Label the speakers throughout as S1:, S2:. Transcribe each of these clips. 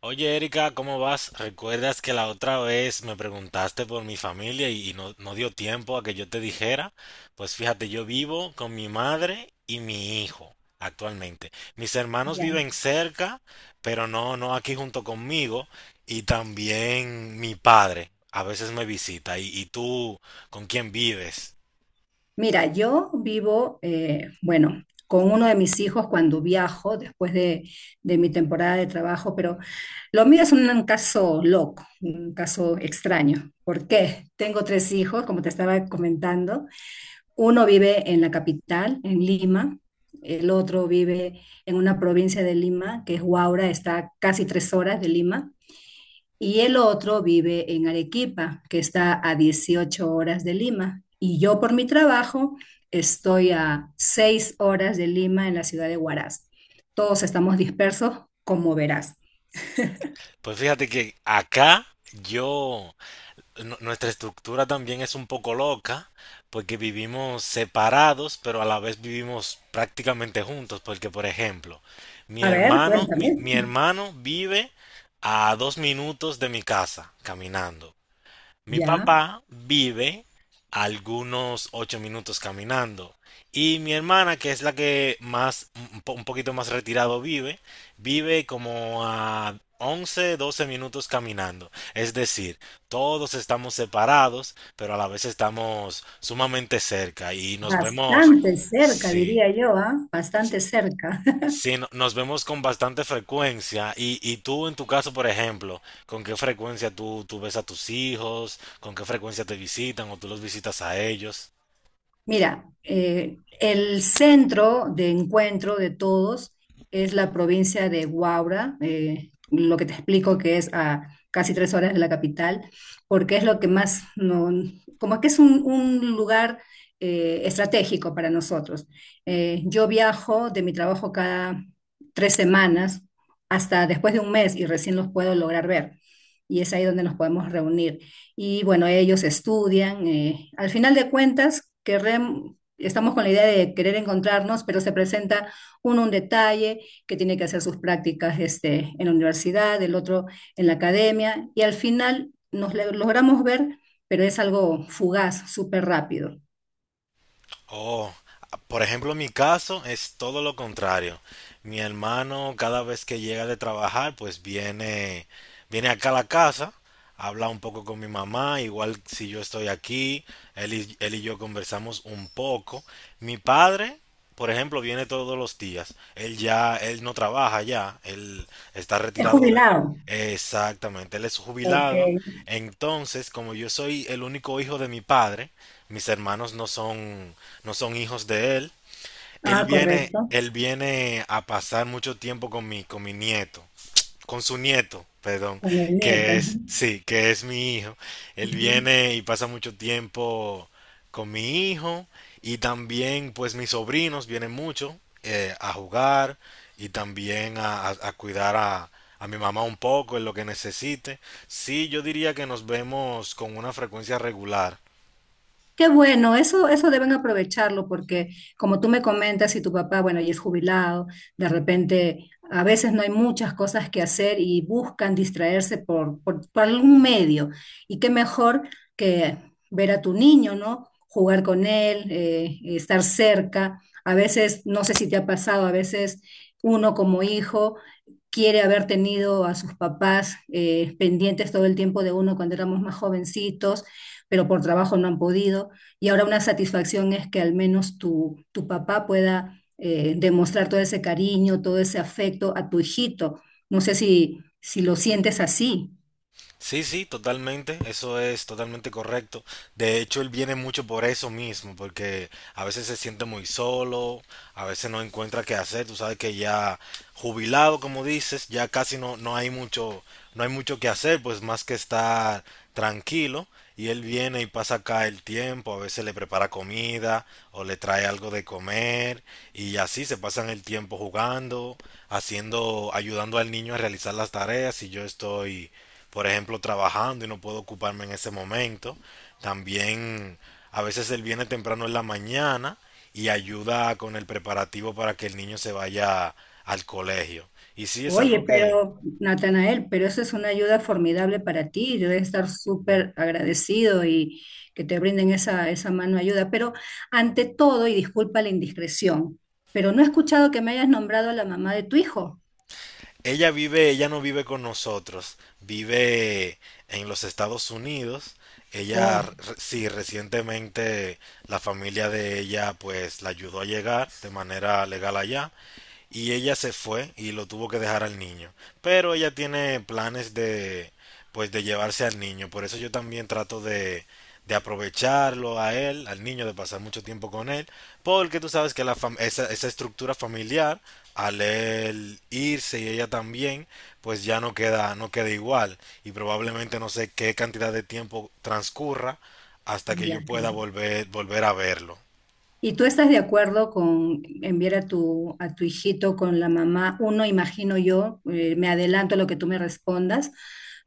S1: Oye, Erika, ¿cómo vas? ¿Recuerdas que la otra vez me preguntaste por mi familia y no dio tiempo a que yo te dijera? Pues fíjate, yo vivo con mi madre y mi hijo actualmente. Mis hermanos
S2: Ya.
S1: viven cerca, pero no aquí junto conmigo. Y también mi padre a veces me visita. ¿Y tú con quién vives?
S2: Mira, yo vivo, bueno, con uno de mis hijos cuando viajo, después de mi temporada de trabajo, pero lo mío es un caso loco, un caso extraño. ¿Por qué? Tengo tres hijos, como te estaba comentando. Uno vive en la capital, en Lima. El otro vive en una provincia de Lima, que es Huaura, está a casi 3 horas de Lima. Y el otro vive en Arequipa, que está a 18 horas de Lima. Y yo por mi trabajo estoy a 6 horas de Lima en la ciudad de Huaraz. Todos estamos dispersos, como verás.
S1: Pues fíjate que acá yo... nuestra estructura también es un poco loca, porque vivimos separados, pero a la vez vivimos prácticamente juntos, porque por ejemplo, mi
S2: A ver,
S1: hermano,
S2: cuéntame.
S1: mi, mi hermano vive a 2 minutos de mi casa, caminando. Mi
S2: Ya,
S1: papá vive a algunos 8 minutos caminando. Y mi hermana, que es la que más, un poquito más retirado vive, vive como a 11, 12 minutos caminando. Es decir, todos estamos separados, pero a la vez estamos sumamente cerca y nos vemos,
S2: bastante cerca,
S1: sí.
S2: diría yo, ¿ah? Bastante cerca.
S1: Sí, nos vemos con bastante frecuencia. Y tú, en tu caso, por ejemplo, ¿con qué frecuencia tú ves a tus hijos? ¿Con qué frecuencia te visitan o tú los visitas a ellos?
S2: Mira, el centro de encuentro de todos es la provincia de Huaura, lo que te explico que es a casi 3 horas de la capital, porque es lo que más, como que es un lugar estratégico para nosotros. Yo viajo de mi trabajo cada 3 semanas hasta después de un mes y recién los puedo lograr ver. Y es ahí donde nos podemos reunir y bueno, ellos estudian. Eh, al final de cuentas, estamos con la idea de querer encontrarnos, pero se presenta uno un detalle que tiene que hacer sus prácticas este, en la universidad, el otro en la academia, y al final logramos ver, pero es algo fugaz, súper rápido.
S1: Oh, por ejemplo, en mi caso es todo lo contrario. Mi hermano cada vez que llega de trabajar, pues viene, viene acá a la casa, habla un poco con mi mamá, igual si yo estoy aquí, él y yo conversamos un poco. Mi padre, por ejemplo, viene todos los días. Él ya, él no trabaja ya, él está
S2: Es
S1: retirado de...
S2: jubilado.
S1: Exactamente, él es
S2: Ok.
S1: jubilado. Entonces, como yo soy el único hijo de mi padre, mis hermanos no son, no son hijos de él. Él
S2: Ah,
S1: viene,
S2: correcto.
S1: él viene a pasar mucho tiempo con mi nieto, con su nieto, perdón,
S2: Con el
S1: que
S2: nieto.
S1: es, sí, que es mi hijo. Él
S2: Ujú.
S1: viene y pasa mucho tiempo con mi hijo y también pues mis sobrinos vienen mucho a jugar y también a cuidar a mi mamá un poco en lo que necesite. Sí, yo diría que nos vemos con una frecuencia regular.
S2: Qué bueno, eso deben aprovecharlo porque como tú me comentas, si tu papá, bueno, ya es jubilado, de repente a veces no hay muchas cosas que hacer y buscan distraerse por algún medio. Y qué mejor que ver a tu niño, ¿no? Jugar con él, estar cerca. A veces, no sé si te ha pasado, a veces uno como hijo quiere haber tenido a sus papás pendientes todo el tiempo de uno cuando éramos más jovencitos, pero por trabajo no han podido. Y ahora una satisfacción es que al menos tu papá pueda demostrar todo ese cariño, todo ese afecto a tu hijito. No sé si lo sientes así.
S1: Sí, sí, totalmente, eso es totalmente correcto. De hecho, él viene mucho por eso mismo, porque a veces se siente muy solo, a veces no encuentra qué hacer, tú sabes que ya jubilado, como dices, ya casi no hay mucho, no hay mucho que hacer, pues más que estar tranquilo, y él viene y pasa acá el tiempo, a veces le prepara comida o le trae algo de comer, y así se pasan el tiempo jugando, haciendo, ayudando al niño a realizar las tareas, y yo estoy por ejemplo, trabajando y no puedo ocuparme en ese momento. También a veces él viene temprano en la mañana y ayuda con el preparativo para que el niño se vaya al colegio. Y sí, es
S2: Oye,
S1: algo que
S2: pero Natanael, pero eso es una ayuda formidable para ti. Debes estar súper agradecido y que te brinden esa mano de ayuda. Pero ante todo, y disculpa la indiscreción, pero no he escuchado que me hayas nombrado a la mamá de tu hijo.
S1: ella vive, ella no vive con nosotros, vive en los Estados Unidos. Ella,
S2: Oh,
S1: sí, recientemente la familia de ella pues la ayudó a llegar de manera legal allá y ella se fue y lo tuvo que dejar al niño. Pero ella tiene planes de, pues, de llevarse al niño. Por eso yo también trato de aprovecharlo a él, al niño, de pasar mucho tiempo con él. Porque tú sabes que esa estructura familiar, al él irse y ella también, pues ya no queda, no queda igual. Y probablemente no sé qué cantidad de tiempo transcurra hasta que
S2: ya,
S1: yo pueda
S2: claro.
S1: volver, volver a verlo.
S2: ¿Y tú estás de acuerdo con enviar a tu hijito con la mamá? Uno, imagino yo, me adelanto a lo que tú me respondas,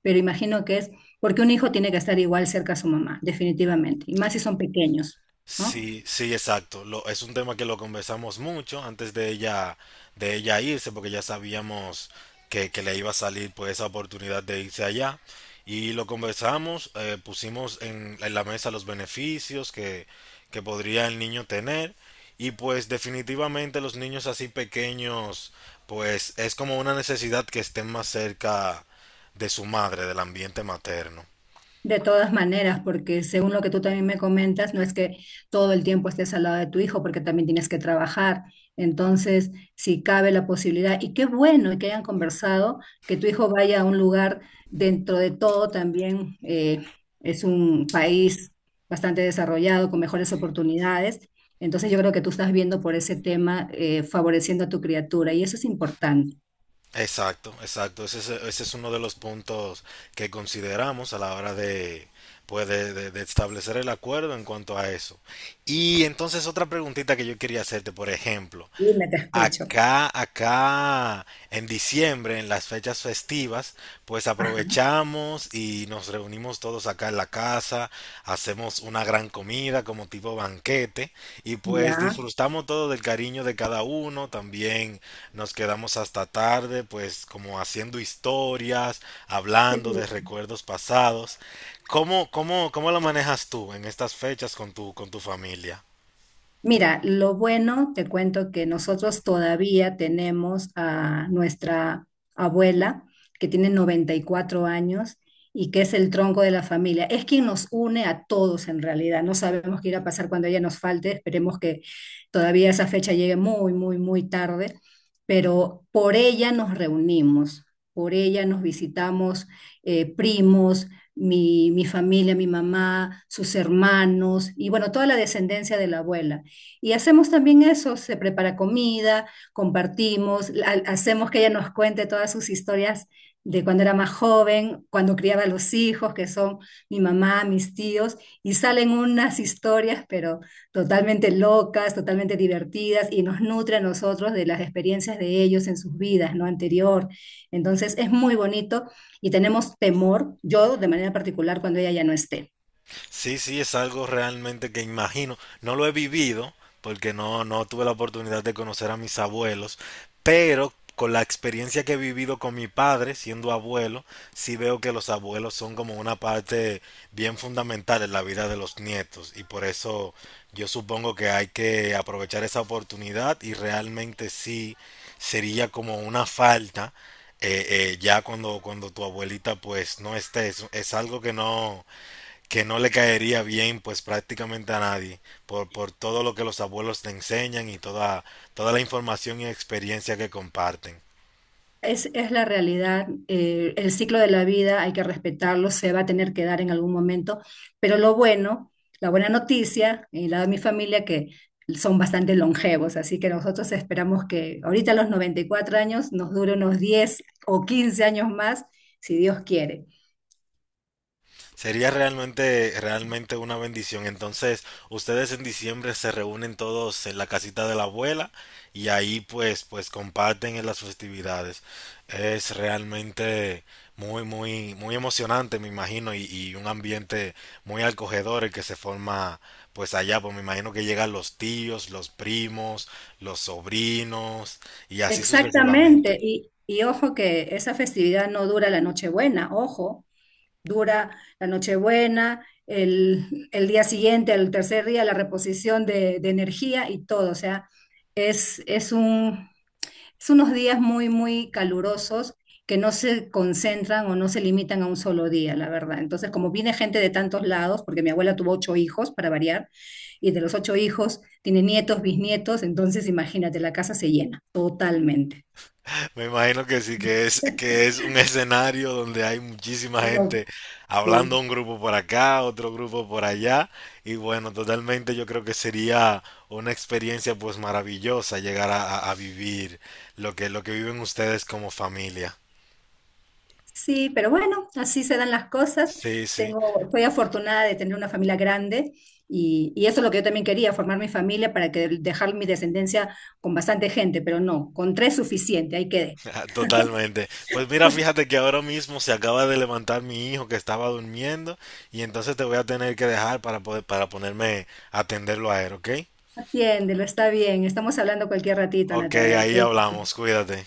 S2: pero imagino que es porque un hijo tiene que estar igual cerca a su mamá, definitivamente, y más si son pequeños, ¿no?
S1: Sí, sí, exacto. Es un tema que lo conversamos mucho antes de ella irse, porque ya sabíamos que le iba a salir pues esa oportunidad de irse allá. Y lo conversamos, pusimos en la mesa los beneficios que podría el niño tener. Y pues definitivamente los niños así pequeños, pues es como una necesidad que estén más cerca de su madre, del ambiente materno.
S2: De todas maneras, porque según lo que tú también me comentas, no es que todo el tiempo estés al lado de tu hijo, porque también tienes que trabajar. Entonces, si cabe la posibilidad, y qué bueno que hayan conversado, que tu hijo vaya a un lugar dentro de todo también, es un país bastante desarrollado, con mejores oportunidades. Entonces, yo creo que tú estás viendo por ese tema, favoreciendo a tu criatura, y eso es importante.
S1: Exacto, exacto. Ese es uno de los puntos que consideramos a la hora de, pues, de establecer el acuerdo en cuanto a eso. Y entonces otra preguntita que yo quería hacerte, por ejemplo,
S2: Dime, te escucho.
S1: En diciembre, en las fechas festivas, pues
S2: Ajá.
S1: aprovechamos y nos reunimos todos acá en la casa, hacemos una gran comida como tipo banquete y pues
S2: Ya.
S1: disfrutamos todo del cariño de cada uno, también nos quedamos hasta tarde, pues como haciendo historias, hablando de recuerdos pasados. ¿Cómo lo manejas tú en estas fechas con tu familia?
S2: Mira, lo bueno, te cuento que nosotros todavía tenemos a nuestra abuela, que tiene 94 años y que es el tronco de la familia. Es quien nos une a todos en realidad. No sabemos qué irá a pasar cuando ella nos falte. Esperemos que todavía esa fecha llegue muy, muy, muy tarde. Pero por ella nos reunimos, por ella nos visitamos, primos, mi familia, mi mamá, sus hermanos y bueno, toda la descendencia de la abuela. Y hacemos también eso, se prepara comida, compartimos, hacemos que ella nos cuente todas sus historias de cuando era más joven, cuando criaba a los hijos, que son mi mamá, mis tíos, y salen unas historias, pero totalmente locas, totalmente divertidas, y nos nutre a nosotros de las experiencias de ellos en sus vidas, ¿no? Anterior. Entonces es muy bonito y tenemos temor, yo de manera particular, cuando ella ya no esté.
S1: Sí, sí, es algo realmente que imagino. No lo he vivido porque no tuve la oportunidad de conocer a mis abuelos, pero con la experiencia que he vivido con mi padre siendo abuelo, sí veo que los abuelos son como una parte bien fundamental en la vida de los nietos y por eso yo supongo que hay que aprovechar esa oportunidad y realmente sí sería como una falta eh, ya cuando, cuando tu abuelita pues no esté. Es algo que no, que no le caería bien pues prácticamente a nadie por, por todo lo que los abuelos le enseñan y toda, toda la información y experiencia que comparten.
S2: Es la realidad, el ciclo de la vida hay que respetarlo, se va a tener que dar en algún momento, pero lo bueno, la buena noticia, y la de mi familia, que son bastante longevos, así que nosotros esperamos que ahorita a los 94 años nos dure unos 10 o 15 años más, si Dios quiere.
S1: Sería realmente, realmente una bendición. Entonces, ustedes en diciembre se reúnen todos en la casita de la abuela y ahí pues, pues comparten en las festividades. Es realmente muy, muy, muy emocionante, me imagino, y un ambiente muy acogedor el que se forma pues allá, pues me imagino que llegan los tíos, los primos, los sobrinos y así sucesivamente.
S2: Exactamente, y ojo que esa festividad no dura la Nochebuena, ojo, dura la Nochebuena, el día siguiente, el tercer día, la reposición de energía y todo. O sea, es, es un, es unos días muy, muy calurosos que no se concentran o no se limitan a un solo día, la verdad. Entonces, como viene gente de tantos lados, porque mi abuela tuvo 8 hijos, para variar, y de los 8 hijos tiene nietos, bisnietos, entonces imagínate, la casa se llena totalmente.
S1: Me imagino que sí, que es un escenario donde hay muchísima
S2: Lo,
S1: gente hablando
S2: sí.
S1: un grupo por acá, otro grupo por allá, y bueno, totalmente yo creo que sería una experiencia pues maravillosa llegar a vivir lo que viven ustedes como familia.
S2: Sí, pero bueno, así se dan las cosas.
S1: Sí, sí,
S2: Tengo, soy afortunada de tener una familia grande y eso es lo que yo también quería, formar mi familia para que dejar mi descendencia con bastante gente, pero no, con tres suficiente, ahí quedé.
S1: totalmente. Pues mira, fíjate que ahora mismo se acaba de levantar mi hijo que estaba durmiendo y entonces te voy a tener que dejar para poder, para ponerme a atenderlo a él, ¿ok?
S2: Atiéndelo, está bien, estamos hablando cualquier ratito,
S1: Ok,
S2: Natanael.
S1: ahí hablamos, cuídate.